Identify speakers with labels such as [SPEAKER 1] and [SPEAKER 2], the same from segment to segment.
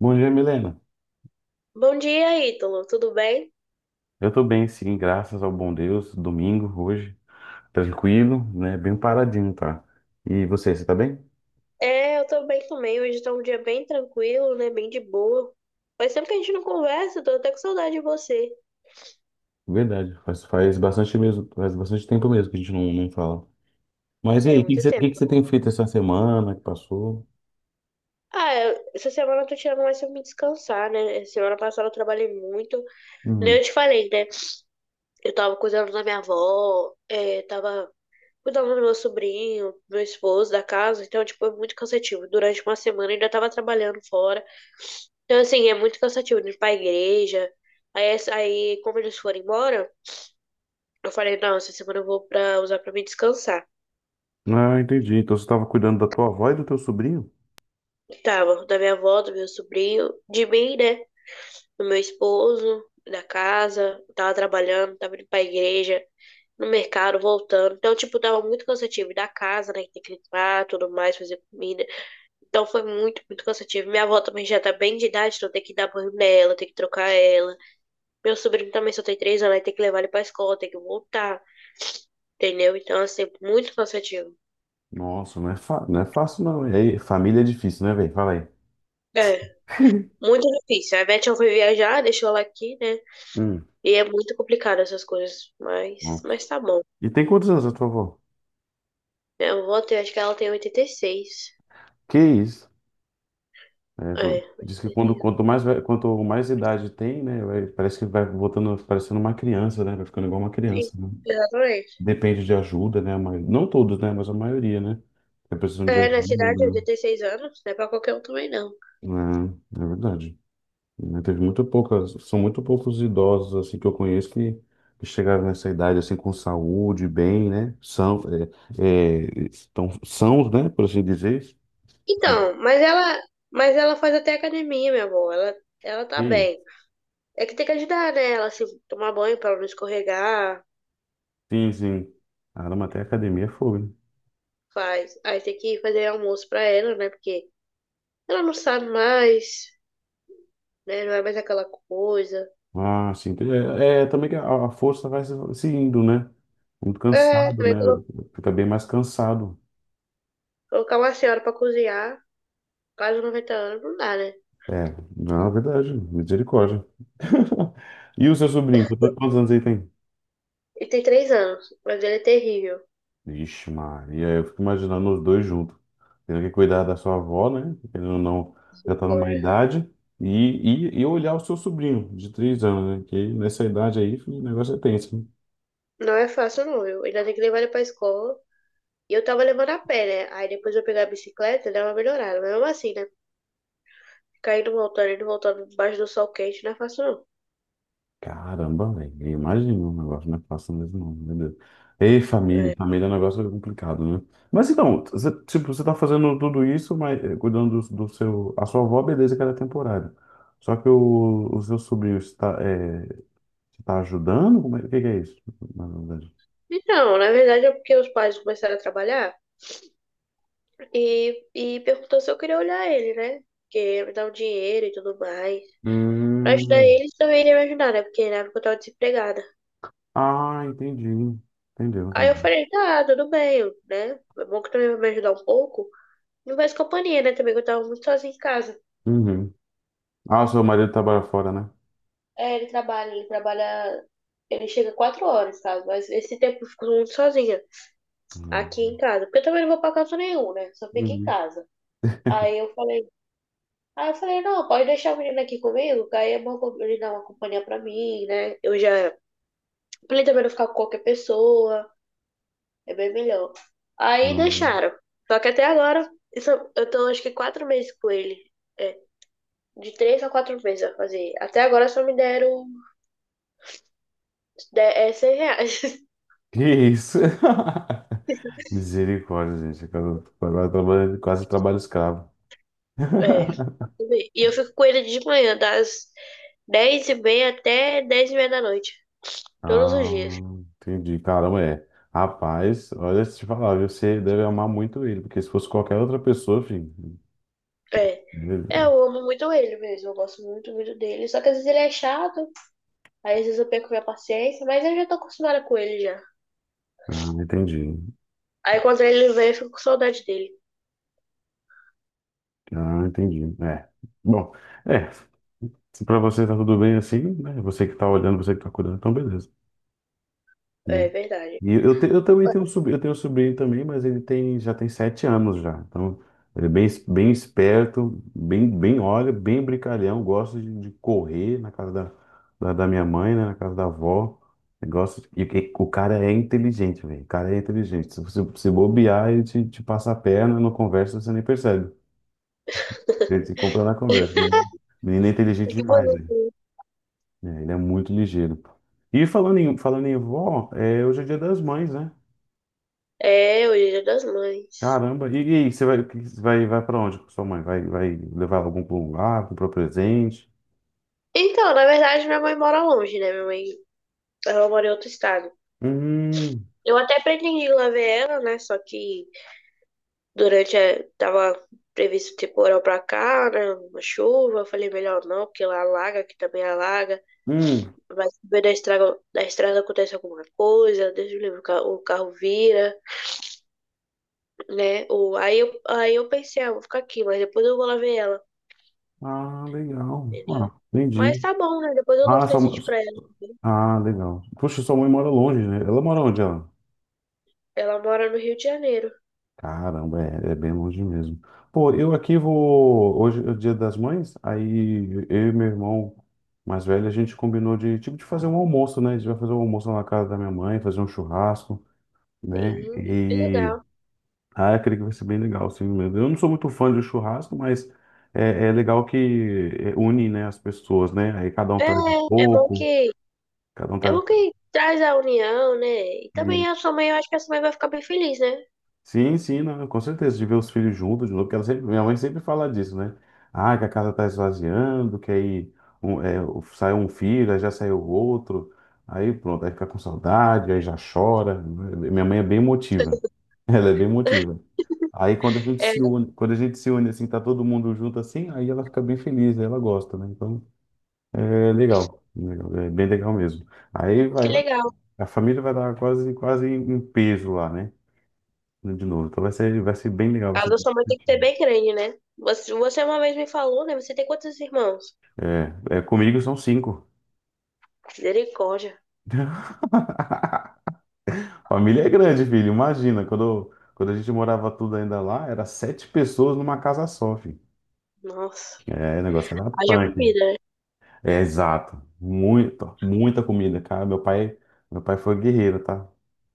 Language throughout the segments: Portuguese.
[SPEAKER 1] Bom dia, Milena.
[SPEAKER 2] Bom dia, Ítalo. Tudo bem?
[SPEAKER 1] Eu tô bem, sim, graças ao bom Deus. Domingo, hoje, tranquilo, né? Bem paradinho, tá? E você tá bem?
[SPEAKER 2] Eu tô bem também. Hoje tá um dia bem tranquilo, né? Bem de boa. Faz tempo que a gente não conversa, tô até com saudade de você.
[SPEAKER 1] Verdade, faz bastante mesmo, faz bastante tempo mesmo que a gente não fala. Mas e
[SPEAKER 2] É,
[SPEAKER 1] aí, o que que
[SPEAKER 2] muito
[SPEAKER 1] você, o que que você
[SPEAKER 2] tempo.
[SPEAKER 1] tem feito essa semana que passou?
[SPEAKER 2] Essa semana eu tô tirando mais pra me descansar, né? Semana passada eu trabalhei muito. Nem
[SPEAKER 1] Uhum.
[SPEAKER 2] eu te falei, né? Eu tava cuidando da minha avó, é, tava cuidava do meu sobrinho, do meu esposo, da casa, então, tipo, é muito cansativo. Durante uma semana eu ainda tava trabalhando fora. Então, assim, é muito cansativo de ir pra igreja. Aí como eles foram embora, eu falei, não, essa semana eu vou pra usar pra me descansar.
[SPEAKER 1] Ah, entendi. Então você estava cuidando da tua avó e do teu sobrinho?
[SPEAKER 2] Tava da minha avó, do meu sobrinho, de mim, né? Do meu esposo, da casa, tava trabalhando, tava indo pra igreja, no mercado, voltando. Então, tipo, tava muito cansativo. E da casa, né? Que tem que limpar, tudo mais, fazer comida. Então foi muito, muito cansativo. Minha avó também já tá bem de idade, então tem que dar banho nela, tem que trocar ela. Meu sobrinho também só tem 3 anos, aí tem que levar ele pra escola, tem que voltar, entendeu? Então, assim, muito cansativo.
[SPEAKER 1] Nossa, não é fácil, não. E aí, família é difícil, né, velho? Fala aí.
[SPEAKER 2] É, muito difícil. A Beth foi viajar, deixou ela aqui, né?
[SPEAKER 1] Hum.
[SPEAKER 2] E é muito complicado essas coisas,
[SPEAKER 1] Nossa.
[SPEAKER 2] mas tá bom.
[SPEAKER 1] E tem quantos anos a tua avó?
[SPEAKER 2] Minha avó tem, acho que ela tem 86.
[SPEAKER 1] Que isso? É,
[SPEAKER 2] É,
[SPEAKER 1] diz que quando,
[SPEAKER 2] 86 anos.
[SPEAKER 1] quanto mais idade tem, né, parece que vai voltando, parecendo uma criança, né, vai ficando igual uma criança,
[SPEAKER 2] Isso,
[SPEAKER 1] né?
[SPEAKER 2] exatamente.
[SPEAKER 1] Depende de ajuda, né, mas, não todos, né, mas a maioria, né, que precisam de
[SPEAKER 2] É,
[SPEAKER 1] ajuda,
[SPEAKER 2] na cidade, 86 anos, não é pra qualquer um também, não.
[SPEAKER 1] né, é verdade. Né, teve muito poucas, são muito poucos idosos, assim, que eu conheço que chegaram nessa idade, assim, com saúde, bem, né, é, estão sãos, né, por assim dizer.
[SPEAKER 2] Então, mas ela faz até academia, minha avó. Ela tá
[SPEAKER 1] E,
[SPEAKER 2] bem. É que tem que ajudar, né? Ela se tomar banho pra ela não escorregar,
[SPEAKER 1] sim, sim, caramba, até a academia é fogo, né?
[SPEAKER 2] faz. Aí tem que fazer almoço pra ela, né? Porque ela não sabe mais, né? Não é mais aquela coisa.
[SPEAKER 1] Ah, sim, entendi. É também que a força vai se indo, né? Muito
[SPEAKER 2] É,
[SPEAKER 1] cansado,
[SPEAKER 2] também
[SPEAKER 1] né?
[SPEAKER 2] colo-
[SPEAKER 1] Fica bem mais cansado.
[SPEAKER 2] colocar uma senhora pra cozinhar, quase 90 anos, não dá, né?
[SPEAKER 1] É, na verdade, misericórdia. E o seu sobrinho, quantos anos ele tem?
[SPEAKER 2] Ele tem 3 anos, mas ele é terrível.
[SPEAKER 1] Ixi, Maria, eu fico imaginando os dois juntos. Tendo que cuidar da sua avó, né? Querendo ou não, já tá numa
[SPEAKER 2] Olha,
[SPEAKER 1] idade. E olhar o seu sobrinho de 3 anos, né? Que nessa idade aí, filho, o negócio é tenso, né?
[SPEAKER 2] não é fácil, não, viu? Ainda tem que levar ele pra escola. E eu tava levando a pé, né? Aí depois eu pegar a bicicleta, dá uma melhorada. Mas mesmo assim, né? Cair voltando altar e debaixo do sol quente não é fácil, não.
[SPEAKER 1] Caramba, velho. Eu imagino, um negócio não é fácil mesmo, não, meu Deus. Ei, família,
[SPEAKER 2] É.
[SPEAKER 1] família é um negócio complicado, né? Mas então, tipo, você tá fazendo tudo isso, mas cuidando do seu. A sua avó, beleza, que ela é temporária. Só que o seu sobrinho está, é, te tá ajudando? Como é, o que que é isso, na verdade?
[SPEAKER 2] Então, na verdade é porque os pais começaram a trabalhar e perguntou se eu queria olhar ele, né? Porque ia me dar um dinheiro e tudo mais. Pra ajudar
[SPEAKER 1] Hum,
[SPEAKER 2] eles também iria me ajudar, né? Porque na época eu tava desempregada.
[SPEAKER 1] ah, entendi. Entendeu,
[SPEAKER 2] Aí eu
[SPEAKER 1] entendi.
[SPEAKER 2] falei, tá, tudo bem, né? É bom que também vai me ajudar um pouco. Não faz companhia, né? Também que eu tava muito sozinha em casa.
[SPEAKER 1] Uhum. Ah, o seu marido trabalha fora, né?
[SPEAKER 2] É, ele trabalha, ele trabalha. Ele chega 4 horas, sabe? Mas esse tempo eu fico muito sozinha. Aqui em
[SPEAKER 1] Uhum.
[SPEAKER 2] casa, porque eu também não vou pra canto nenhum, né? Só fico em
[SPEAKER 1] Uhum.
[SPEAKER 2] casa. Aí eu falei, aí eu falei, não, pode deixar a menina aqui comigo, que aí é bom ele dar uma companhia pra mim, né? Eu já, pra ele também não ficar com qualquer pessoa, é bem melhor. Aí
[SPEAKER 1] Não.
[SPEAKER 2] deixaram. Só que até agora, eu tô acho que 4 meses com ele. É, de 3 a 4 meses a fazer. Até agora só me deram R$ 100.
[SPEAKER 1] Que isso? Misericórdia, gente. Agora quase trabalho escravo.
[SPEAKER 2] É, e eu fico com ele de manhã, das 10:30 até 22:30. Todos os dias.
[SPEAKER 1] Ah, entendi. Caramba, é. Rapaz, olha, se te falar, viu, você deve amar muito ele, porque se fosse qualquer outra pessoa, filho.
[SPEAKER 2] É. É,
[SPEAKER 1] ele-
[SPEAKER 2] eu amo muito ele mesmo, eu gosto muito, muito dele. Só que às vezes ele é chato, aí às vezes eu perco minha paciência, mas eu já tô acostumada com ele já.
[SPEAKER 1] Ah, entendi.
[SPEAKER 2] Aí quando ele vem, eu fico com saudade dele.
[SPEAKER 1] Ah, entendi. É. Bom, é. Se pra você tá tudo bem assim, né? Você que tá olhando, você que tá cuidando, então beleza.
[SPEAKER 2] É
[SPEAKER 1] Né.
[SPEAKER 2] verdade.
[SPEAKER 1] E eu também tenho um sobrinho, eu tenho um sobrinho também, mas já tem 7 anos já. Então, ele é bem, bem esperto, bem olha, bem brincalhão, gosta de correr na casa da minha mãe, né, na casa da avó. Ele Gosta de- e o cara é inteligente, velho. O cara é inteligente. Se você se bobear, ele te passa a perna, não conversa, você nem percebe. Ele se compra na conversa. Né? O menino é inteligente
[SPEAKER 2] E que
[SPEAKER 1] demais, velho.
[SPEAKER 2] bonito.
[SPEAKER 1] É, ele é muito ligeiro. E falando em vó hoje é Dia das Mães, né?
[SPEAKER 2] É, o Dia das Mães.
[SPEAKER 1] Caramba, e aí, você vai para onde com sua mãe? Vai levar ela algum pra um lugar, comprar presente?
[SPEAKER 2] Então, na verdade, minha mãe mora longe, né? Minha mãe, ela mora em outro estado.
[SPEAKER 1] Hum,
[SPEAKER 2] Eu até pretendi ir lá ver ela, né? Só que durante a... tava previsto temporal pra cá, né? Uma chuva, eu falei melhor não, porque lá alaga, que também alaga.
[SPEAKER 1] hum.
[SPEAKER 2] Vai saber da estrada acontece alguma coisa, Deus me livre, o carro vira, né? Aí eu pensei, ah, vou ficar aqui, mas depois eu vou lá ver ela,
[SPEAKER 1] Ah, legal.
[SPEAKER 2] entendeu?
[SPEAKER 1] Ah,
[SPEAKER 2] Mas
[SPEAKER 1] entendi.
[SPEAKER 2] tá bom, né? Depois eu dou um
[SPEAKER 1] Ah, sua, mãe-
[SPEAKER 2] presente pra ela, entendeu?
[SPEAKER 1] ah, legal. Poxa, sua mãe mora longe, né? Ela mora onde, ela?
[SPEAKER 2] Ela mora no Rio de Janeiro.
[SPEAKER 1] Caramba, é bem longe mesmo. Pô, eu aqui vou. Hoje é o Dia das Mães, aí eu e meu irmão mais velho, a gente combinou tipo, de fazer um almoço, né? A gente vai fazer um almoço lá na casa da minha mãe, fazer um churrasco, né?
[SPEAKER 2] Sim, é legal.
[SPEAKER 1] Ah, eu creio que vai ser bem legal, sim mesmo. Eu não sou muito fã de churrasco, mas é legal que une, né, as pessoas, né? Aí cada um
[SPEAKER 2] É,
[SPEAKER 1] traz um
[SPEAKER 2] é bom
[SPEAKER 1] pouco,
[SPEAKER 2] que,
[SPEAKER 1] cada um
[SPEAKER 2] é
[SPEAKER 1] traz.
[SPEAKER 2] bom que traz a união, né? E também a sua mãe, eu acho que a sua mãe vai ficar bem feliz, né?
[SPEAKER 1] Sim, sim, não, com certeza, de ver os filhos juntos de novo, porque minha mãe sempre fala disso, né? Ah, que a casa tá esvaziando, que aí saiu um filho, aí já saiu outro, aí pronto, aí fica com saudade, aí já chora. Minha mãe é bem emotiva, ela é bem emotiva. Aí quando a gente
[SPEAKER 2] É,
[SPEAKER 1] se une, quando a gente se une assim, tá todo mundo junto assim, aí ela fica bem feliz, ela gosta, né? Então é legal, legal, é bem legal mesmo. Aí vai,
[SPEAKER 2] que
[SPEAKER 1] vai-
[SPEAKER 2] legal.
[SPEAKER 1] a família vai dar quase, quase em peso lá, né? Né, de novo. Então vai ser bem legal,
[SPEAKER 2] A
[SPEAKER 1] vai ser
[SPEAKER 2] casa da
[SPEAKER 1] bem
[SPEAKER 2] sua mãe tem que ser
[SPEAKER 1] divertido.
[SPEAKER 2] bem grande, né? Você uma vez me falou, né? Você tem quantos irmãos?
[SPEAKER 1] É, comigo são cinco.
[SPEAKER 2] Misericórdia.
[SPEAKER 1] Família é grande, filho. Imagina, quando a gente morava tudo ainda lá, era sete pessoas numa casa só, filho.
[SPEAKER 2] Nossa,
[SPEAKER 1] É, o negócio era
[SPEAKER 2] haja
[SPEAKER 1] punk.
[SPEAKER 2] comida, né?
[SPEAKER 1] É, exato. Muita, muita comida, cara. Meu pai foi guerreiro, tá?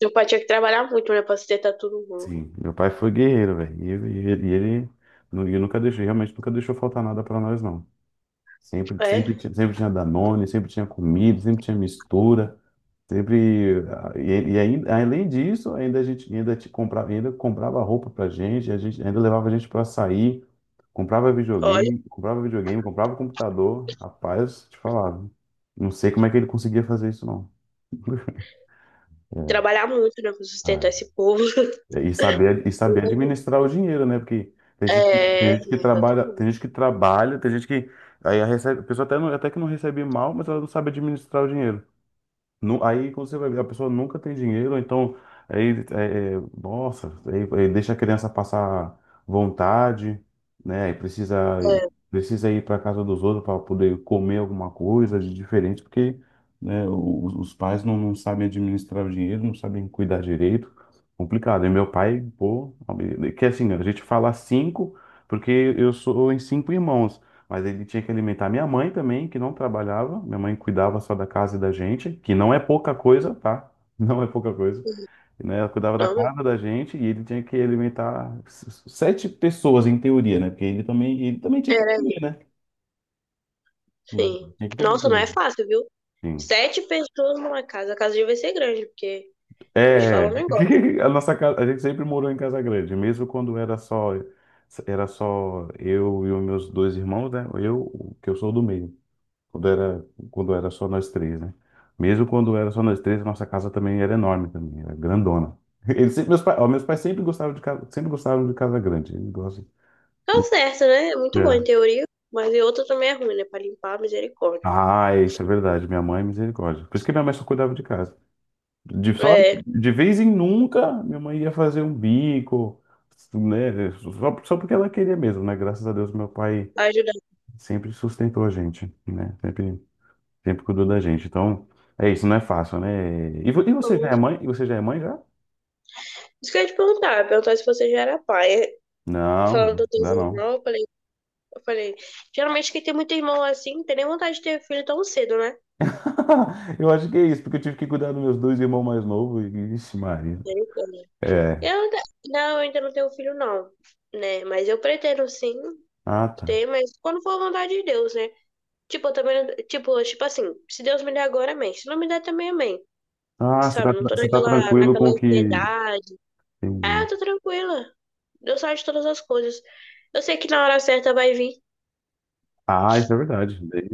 [SPEAKER 2] Seu pai tinha que trabalhar muito, né, pra sustentar todo mundo.
[SPEAKER 1] Sim, meu pai foi guerreiro, velho. E nunca deixou, realmente nunca deixou faltar nada pra nós, não. Sempre,
[SPEAKER 2] É,
[SPEAKER 1] sempre, tinha- sempre tinha Danone, sempre tinha comida, sempre tinha mistura. E ainda, além disso, ainda a gente ainda te comprava, ainda comprava roupa pra gente, a gente ainda levava a gente pra sair, comprava
[SPEAKER 2] olha,
[SPEAKER 1] videogame, comprava videogame, comprava computador. Rapaz, te falava. Não sei como é que ele conseguia fazer isso, não.
[SPEAKER 2] trabalhar muito, né, pra sustentar
[SPEAKER 1] Ah,
[SPEAKER 2] esse povo.
[SPEAKER 1] E saber, e saber administrar o dinheiro, né? Porque tem gente, que-
[SPEAKER 2] É,
[SPEAKER 1] tem gente que trabalha,
[SPEAKER 2] exatamente.
[SPEAKER 1] tem gente que trabalha, tem gente que aí a recebe, a pessoa até que não recebe mal, mas ela não sabe administrar o dinheiro. Aí quando você vai ver, a pessoa nunca tem dinheiro, então aí nossa, aí, deixa a criança passar vontade, né? E precisa
[SPEAKER 2] É,
[SPEAKER 1] precisa ir para casa dos outros para poder comer alguma coisa de diferente, porque né, os pais não sabem administrar o dinheiro, não sabem cuidar direito, complicado. E meu pai, pô, que assim, a gente fala cinco, porque eu sou em cinco irmãos. Mas ele tinha que alimentar minha mãe também, que não trabalhava. Minha mãe cuidava só da casa e da gente, que não é pouca coisa, tá? Não é pouca coisa. Né? Ela cuidava da
[SPEAKER 2] não, meu,
[SPEAKER 1] casa da gente e ele tinha que alimentar sete pessoas, em teoria, né? Porque ele também tinha que
[SPEAKER 2] era,
[SPEAKER 1] comer, né? Né?
[SPEAKER 2] sim.
[SPEAKER 1] Tinha que comer
[SPEAKER 2] Nossa, não é
[SPEAKER 1] também.
[SPEAKER 2] fácil, viu?
[SPEAKER 1] Sim.
[SPEAKER 2] 7 pessoas numa casa. A casa devia ser grande, porque eu vou te
[SPEAKER 1] É,
[SPEAKER 2] falar um negócio.
[SPEAKER 1] a nossa casa, a gente sempre morou em casa grande, mesmo quando era só eu e os meus dois irmãos, né? Eu, que eu sou do meio. Quando era só nós três, né? Mesmo quando era só nós três, nossa casa também era enorme também, era grandona. Eles, sempre- meus, pais, ó, Meus pais sempre gostavam de casa, sempre gostavam de casa grande. Eles gostam.
[SPEAKER 2] Tá certo, né? É muito bom em
[SPEAKER 1] É.
[SPEAKER 2] teoria, mas em outra também é ruim, né? Pra limpar, misericórdia.
[SPEAKER 1] Ah, é, isso é verdade. Minha mãe, é misericórdia. Por isso que minha mãe só cuidava de casa. De, só,
[SPEAKER 2] É,
[SPEAKER 1] de vez em nunca, minha mãe ia fazer um bico, né? Só porque ela queria mesmo, né? Graças a Deus, meu pai
[SPEAKER 2] ajudar.
[SPEAKER 1] sempre sustentou a gente, né? Sempre cuidou da gente. Então, é isso, não é fácil, né? E você já
[SPEAKER 2] Não.
[SPEAKER 1] é mãe? E você já é mãe já?
[SPEAKER 2] Isso que eu ia te perguntar, eu ia perguntar se você já era pai. É,
[SPEAKER 1] Não,
[SPEAKER 2] falando dos
[SPEAKER 1] não
[SPEAKER 2] teus
[SPEAKER 1] dá não.
[SPEAKER 2] irmãos, eu falei. Eu falei, geralmente quem tem muito irmão assim, não tem nem vontade de ter filho tão cedo, né?
[SPEAKER 1] Eu acho que é isso, porque eu tive que cuidar dos meus dois irmãos mais novos. Ixi, Maria.
[SPEAKER 2] Misericórdia.
[SPEAKER 1] É.
[SPEAKER 2] Eu ainda, não, eu ainda não tenho filho, não, né? Mas eu pretendo sim
[SPEAKER 1] Ah, tá.
[SPEAKER 2] ter, mas quando for a vontade de Deus, né? Tipo, eu também, não- tipo, tipo assim, se Deus me der agora, amém. Se não me der também, amém.
[SPEAKER 1] Ah, você
[SPEAKER 2] Sabe,
[SPEAKER 1] tá,
[SPEAKER 2] eu não tô
[SPEAKER 1] você tá tranquilo
[SPEAKER 2] naquela
[SPEAKER 1] com o que.
[SPEAKER 2] ansiedade. É,
[SPEAKER 1] Entendi.
[SPEAKER 2] eu tô tranquila. Deus sabe de todas as coisas. Eu sei que na hora certa vai vir,
[SPEAKER 1] Ah, isso é verdade. Daí,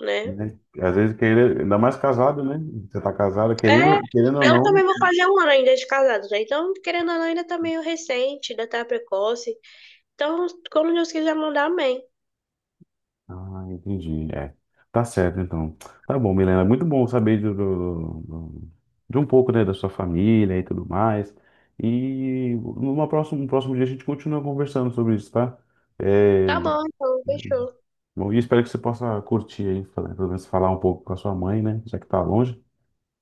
[SPEAKER 2] né?
[SPEAKER 1] né? Às vezes, querer, ainda mais casado, né? Você tá casado,
[SPEAKER 2] É,
[SPEAKER 1] querendo ou
[SPEAKER 2] eu
[SPEAKER 1] não,
[SPEAKER 2] também vou fazer 1 ano ainda de casados, né? Então, querendo ou não, ainda tá meio recente, ainda tá precoce. Então, quando Deus quiser mandar, amém.
[SPEAKER 1] ah, entendi. É. Tá certo, então. Tá bom, Milena. Muito bom saber de um pouco, né, da sua família e tudo mais. E numa próxima, no próximo dia a gente continua conversando sobre isso, tá?
[SPEAKER 2] Tá
[SPEAKER 1] É,
[SPEAKER 2] bom, então, fechou.
[SPEAKER 1] bom, e espero que você possa curtir aí, pelo menos falar um pouco com a sua mãe, né? Já que tá longe.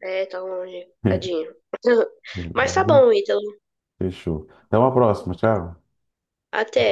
[SPEAKER 2] É, tá longe, tadinho.
[SPEAKER 1] Tá
[SPEAKER 2] Mas tá
[SPEAKER 1] bom?
[SPEAKER 2] bom, Ítalo.
[SPEAKER 1] Fechou. Até uma próxima. Tchau.
[SPEAKER 2] Até.